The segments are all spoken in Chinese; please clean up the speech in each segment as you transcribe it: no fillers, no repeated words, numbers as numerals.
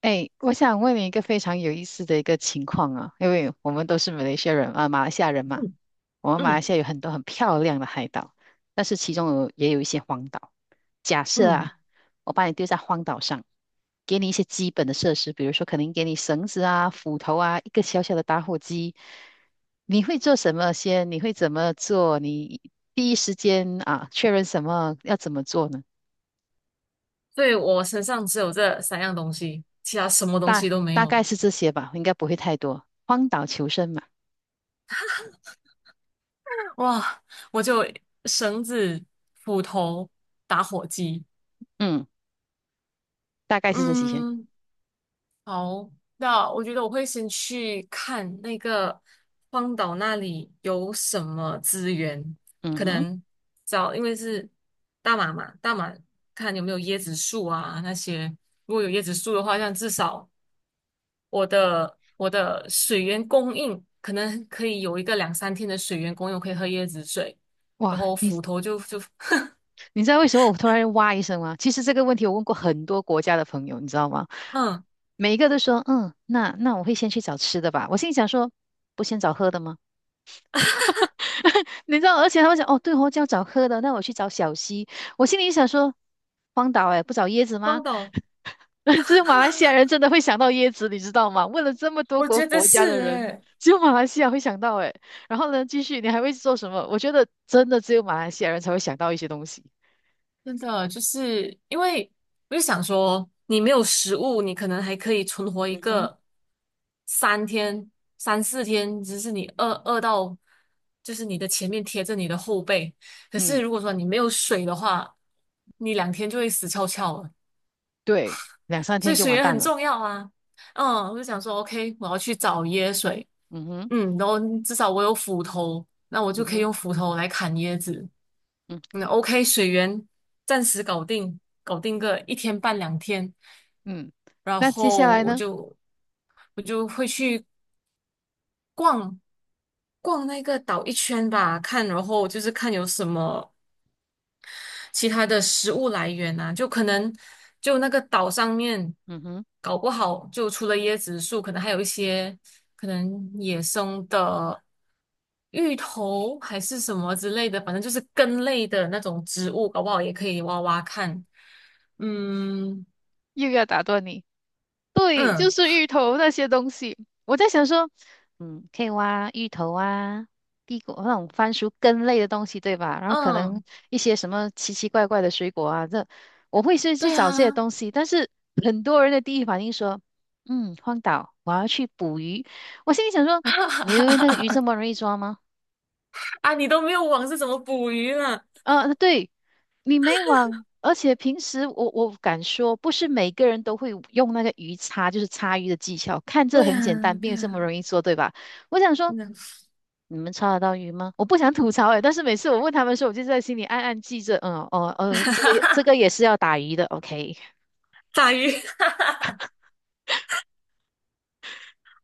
哎，我想问你一个非常有意思的一个情况啊，因为我们都是马来西亚人啊，马来西亚人嘛，嗯我们马来嗯西亚有很多很漂亮的海岛，但是其中也有一些荒岛。假设嗯，啊，我把你丢在荒岛上，给你一些基本的设施，比如说可能给你绳子啊、斧头啊、一个小小的打火机，你会做什么先？你会怎么做？你第一时间啊，确认什么要怎么做呢？所以我身上只有这三样东西，其他什么东大西都没大有。概是这些吧，应该不会太多。荒岛求生嘛。哇，我就绳子、斧头、打火机。嗯，大概是这几天。嗯，好，那我觉得我会先去看那个荒岛那里有什么资源，嗯可哼，能找，因为是大马嘛，大马看有没有椰子树啊那些。如果有椰子树的话，这样至少。我的水源供应可能可以有一个两三天的水源供应，我可以喝椰子水，然哇，后你斧头就 你知道为什么我突然哇一声吗？其实这个问题我问过很多国家的朋友，你知道吗？嗯，每一个都说，嗯，那我会先去找吃的吧。我心里想说，不先找喝的吗？你知道，而且他们讲，哦，对哦，就要找喝的，那我去找小溪。我心里想说，荒岛哎，不找椰子吗？汪岛，只有马来西亚人真的会想到椰子，你知道吗？问了这么多我国觉得国家是的人，诶，只有马来西亚会想到诶。然后呢，继续，你还会做什么？我觉得真的只有马来西亚人才会想到一些东西。真的就是因为我就想说，你没有食物，你可能还可以存活一嗯哼，个三天、3、4天，只是你饿到就是你的前面贴着你的后背，可是嗯，如果说你没有水的话，你两天就会死翘翘了。对，两三所天以就水完源蛋很了。重要啊。嗯，我就想说，OK，我要去找椰水，嗯哼，嗯，然后至少我有斧头，那我就嗯可以哼，用斧头来砍椰子。嗯那 o k 水源暂时搞定，搞定个一天半两天，嗯。然那接下后来我呢？就我就会去逛逛那个岛一圈吧，看，然后就是看有什么其他的食物来源啊，就可能就那个岛上面，嗯哼，搞不好就除了椰子树，可能还有一些可能野生的芋头还是什么之类的，反正就是根类的那种植物，搞不好也可以挖挖看。嗯又要打断你。对，就嗯是芋头那些东西。我在想说，嗯，可以挖芋头啊，地瓜那种番薯根类的东西，对吧？然后可能嗯，一些什么奇奇怪怪的水果啊，这我会是去对找这些啊，东西。但是 很多人的第一反应说，嗯，荒岛，我要去捕鱼。我心里想说，你以为那个鱼这 么容易抓吗？啊，你都没有网是怎么捕鱼呢？啊，对。你没网，而且平时我敢说，不是每个人都会用那个鱼叉，就是叉鱼的技巧。看这对呀，很简单，并对不这么呀，容易做，对吧？我想说，那 你们叉得到鱼吗？我不想吐槽诶，但是每次我问他们说，我就在心里暗暗记着，嗯，哦，哦，这个也这个 也是要打鱼的，OK。打鱼，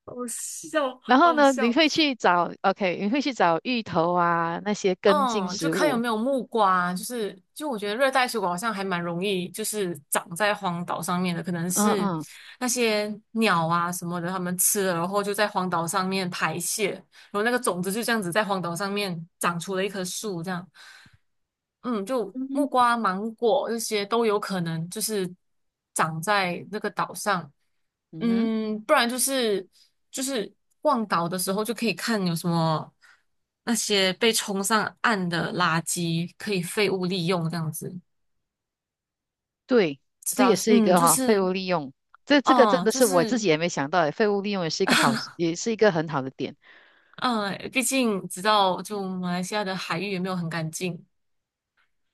好笑，然后好呢，你笑。会去找，OK，你会去找芋头啊，那些根茎嗯，就植看有物，没有木瓜，就是就我觉得热带水果好像还蛮容易，就是长在荒岛上面的，可能嗯是嗯那些鸟啊什么的，它们吃了然后就在荒岛上面排泄，然后那个种子就这样子在荒岛上面长出了一棵树，这样，嗯，就木嗯瓜、芒果这些都有可能就是长在那个岛上，嗯哼。嗯，不然就是就是逛岛的时候就可以看有什么那些被冲上岸的垃圾可以废物利用这样子，对，知这道，也是一嗯，个就哈、废是，物利用。这个真哦，的就是我自是。己也没想到诶，废物利用也是一个好，也是一个很好的点。嗯，毕竟知道就马来西亚的海域也没有很干净，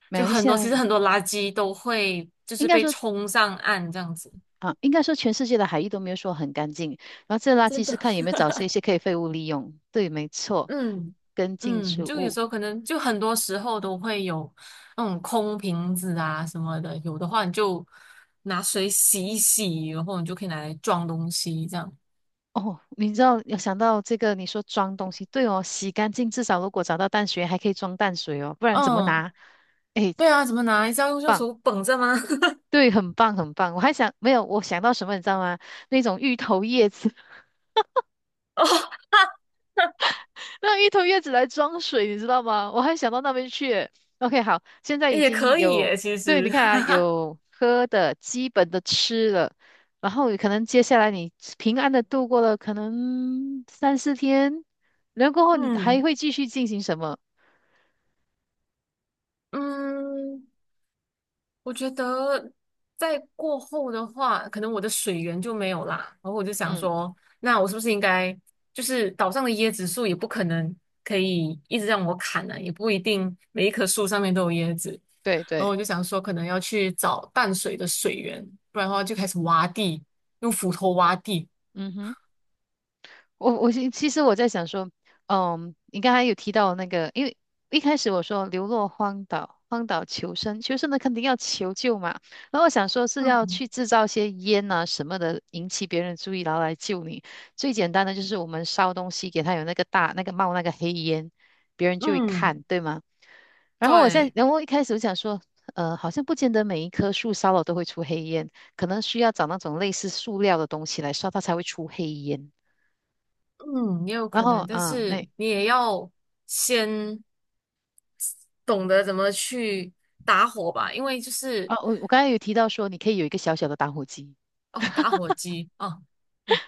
马就来很西多，其亚实很多垃圾都会就应是该被说冲上岸这样子。啊，应该说全世界的海域都没有说很干净，然后这垃真圾是的，看有没有找出一 些可以废物利用。对，没错，嗯跟进植嗯，就有物。时候可能就很多时候都会有那种空瓶子啊什么的，有的话你就拿水洗一洗，然后你就可以拿来装东西这样。哦，你知道要想到这个，你说装东西，对哦，洗干净，至少如果找到淡水还可以装淡水哦，不然怎么嗯，拿？哎，对啊，怎么拿？是要用右棒，手捧着吗？对，很棒，很棒。我还想没有，我想到什么，你知道吗？那种芋头叶子。哦，那一头叶子来装水，你知道吗？我还想到那边去耶 OK，好，现在已也经可以有，耶，其对，你实。看啊，有喝的，基本的吃了，然后可能接下来你平安的度过了可能三四天，然后过后你还嗯会继续进行什么？嗯，我觉得在过后的话，可能我的水源就没有啦。然后我就想嗯，说，那我是不是应该，就是岛上的椰子树也不可能可以一直让我砍呢、也不一定每一棵树上面都有椰子。对然后对，我就想说，可能要去找淡水的水源，不然的话就开始挖地，用斧头挖地。嗯哼。我我其其实我在想说，嗯，你刚才有提到那个，因为一开始我说流落荒岛，荒岛求生，求生的肯定要求救嘛。然后我想说是要嗯去制造些烟啊什么的，引起别人注意，然后来救你。最简单的就是我们烧东西，给它有那个大那个冒那个黑烟，别人就会嗯，看，对吗？然后我现在，对，然后一开始我想说，好像不见得每一棵树烧了都会出黑烟，可能需要找那种类似塑料的东西来烧，它才会出黑烟。嗯，也有然可后能，但啊，那是你也要先懂得怎么去打火吧，因为就是。啊，我刚才有提到说你可以有一个小小的打火机。哦，打火机哦，嗯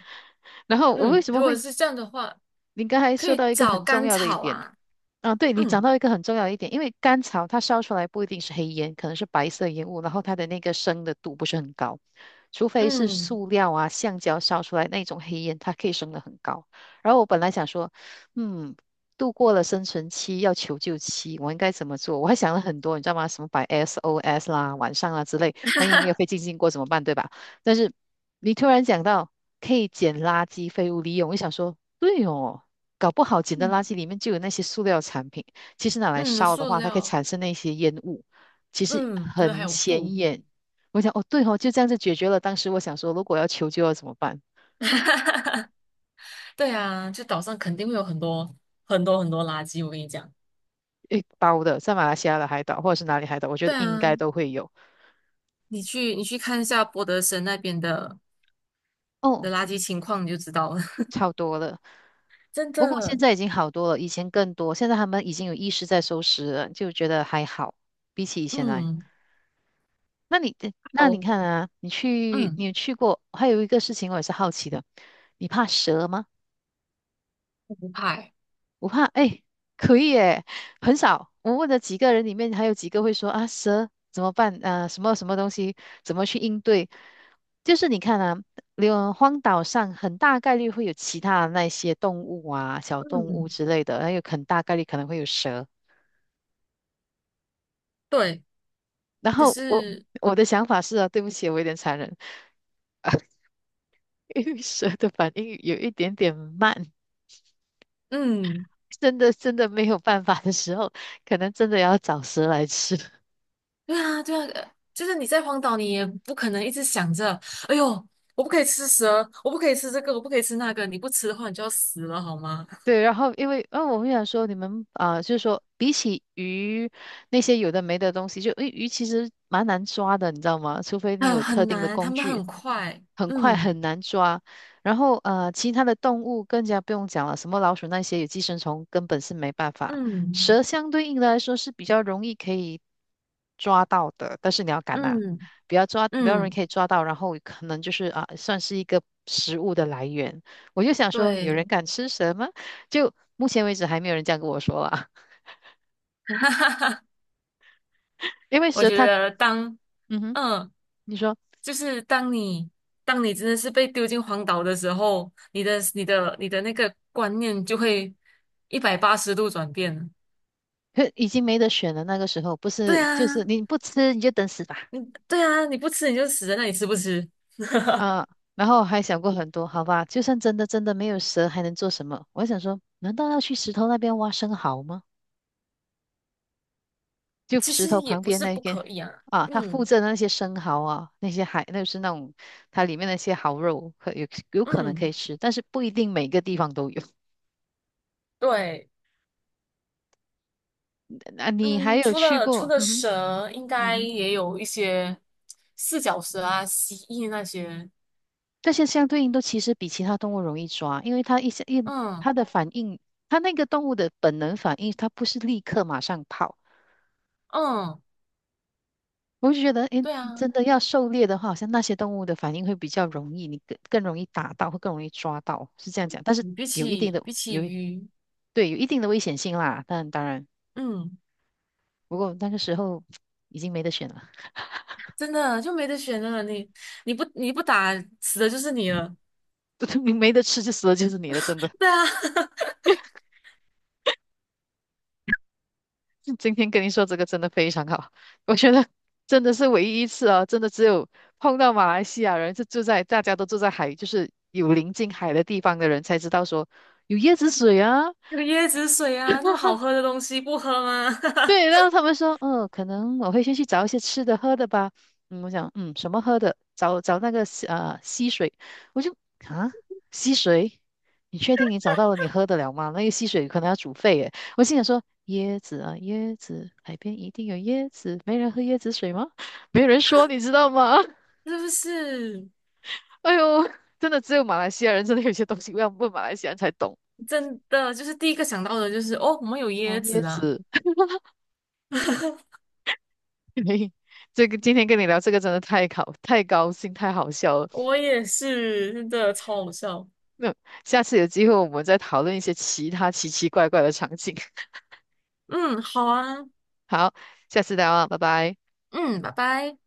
然后我为嗯，什如么果会？是这样的话，你刚才可说以到一个找很重干要的一草点，啊，啊，对，你讲嗯到一个很重要的一点，因为甘草它烧出来不一定是黑烟，可能是白色烟雾，然后它的那个升的度不是很高，除非是嗯塑料啊、橡胶烧出来那种黑烟，它可以升得很高。然后我本来想说，嗯，度过了生存期，要求救期，我应该怎么做？我还想了很多，你知道吗？什么摆 SOS 啦、晚上啊之类，万一没有飞进经过怎么办，对吧？但是你突然讲到可以捡垃圾废物利用，我想说，对哦，搞不好捡的垃嗯圾里面就有那些塑料产品，其实拿来嗯，烧的塑话，它可以料，产生那些烟雾，其实嗯，可能还很有布，显眼。我想，哦，对哦，就这样子解决了。当时我想说，如果要求救要怎么办？对啊，就岛上肯定会有很多很多很多垃圾，我跟你讲，一包的，在马来西亚的海岛或者是哪里海岛，我觉得对应啊，该都会有。你去你去看一下博德森那边的的哦，垃圾情况，你就知道了，超多了。真不过现的，在已经好多了，以前更多。现在他们已经有意识在收拾了，就觉得还好，比起以前来。嗯，那你那你好，看啊，你去，嗯，你有去过？还有一个事情我也是好奇的，你怕蛇吗？不怕欸我怕，哎，可以耶，很少。我问的几个人里面，还有几个会说啊，蛇怎么办？啊，什么什么东西，怎么去应对？就是你看啊，有荒岛上很大概率会有其他的那些动物啊、小动物嗯，之类的，还有很大概率可能会有蛇。对，然可后我是，我的想法是啊，对不起，我有点残忍，因为蛇的反应有一点点慢。嗯。真的没有办法的时候，可能真的要找蛇来吃。对啊，对啊，就是你在荒岛，你也不可能一直想着，哎呦，我不可以吃蛇，我不可以吃这个，我不可以吃那个，你不吃的话，你就要死了，好吗？对，然后因为，嗯，我会想说，你们啊、呃就是说，比起鱼那些有的没的东西，就诶，鱼其实蛮难抓的，你知道吗？除非你很有特很定的难，他工们具，很快，很快嗯很难抓。然后呃，其他的动物更加不用讲了，什么老鼠那些有寄生虫，根本是没办法。嗯蛇相对应的来说是比较容易可以抓到的，但是你要敢啊，嗯不要抓，不要易嗯，可以抓到，然后可能就是啊、算是一个食物的来源。我就想说，有对，人敢吃蛇吗？就目前为止还没有人这样跟我说啊，哈哈哈，因为我蛇觉它，得嗯哼，嗯，你说，就是当你真的是被丢进荒岛的时候，你的那个观念就会180度转变了。可已经没得选了。那个时候不对是，就是啊，你不吃你就等死吧，嗯，对啊，你不吃你就死在那里，吃不吃？啊，然后还想过很多，好吧，就算真的没有蛇，还能做什么？我还想说，难道要去石头那边挖生蚝吗？就其石实头也旁不边是那不边可以啊，啊，它附嗯着的那些生蚝啊，那些海，那是那种它里面那些蚝肉，有可能可嗯，以吃，但是不一定每个地方都有。对，那你还嗯，有除去了除过？了嗯哼。蛇，应嗯该哼，也有一些四脚蛇啊、蜥蜴那些，这些相对应都其实比其他动物容易抓，因为它一些一嗯它的反应，它那个动物的本能反应，它不是立刻马上跑。嗯，我就觉得，诶，对啊，真的要狩猎的话，好像那些动物的反应会比较容易，你更容易打到，会更容易抓到，是这样讲。但是嗯比有一定起的比起有一鱼，对有一定的危险性啦，但当然，嗯，不过那个时候已经没得选了，真的就没得选了。你不打死的就是你了。你没得吃就死了就是你了，真的。对啊，今天跟你说这个真的非常好，我觉得真的是唯一一次啊，真的只有碰到马来西亚人是住在大家都住在海，就是有临近海的地方的人才知道说有椰子水啊，有椰子水啊，那么好喝的东西不喝吗？对，然后 他们说，嗯，可能我会先去找一些吃的喝的吧。嗯，我想，嗯，什么喝的？找找那个溪水，我就啊溪水，你确定你找到了你喝得了吗？那个溪水可能要煮沸耶。我心想说，椰子啊椰子，海边一定有椰子，没人喝椰子水吗？没有人说，你知道吗？是不是？哎呦，真的只有马来西亚人真的有些东西要问马来西亚人才懂真的就是第一个想到的就是哦，我们有椰哦，椰子啊。子。嘿这个今天跟你聊这个真的太高兴，太好笑了。我也是，真的超好笑。那下次有机会我们再讨论一些其他奇奇怪怪的场景。嗯，好啊，好，下次再聊啊，拜拜。嗯，拜拜。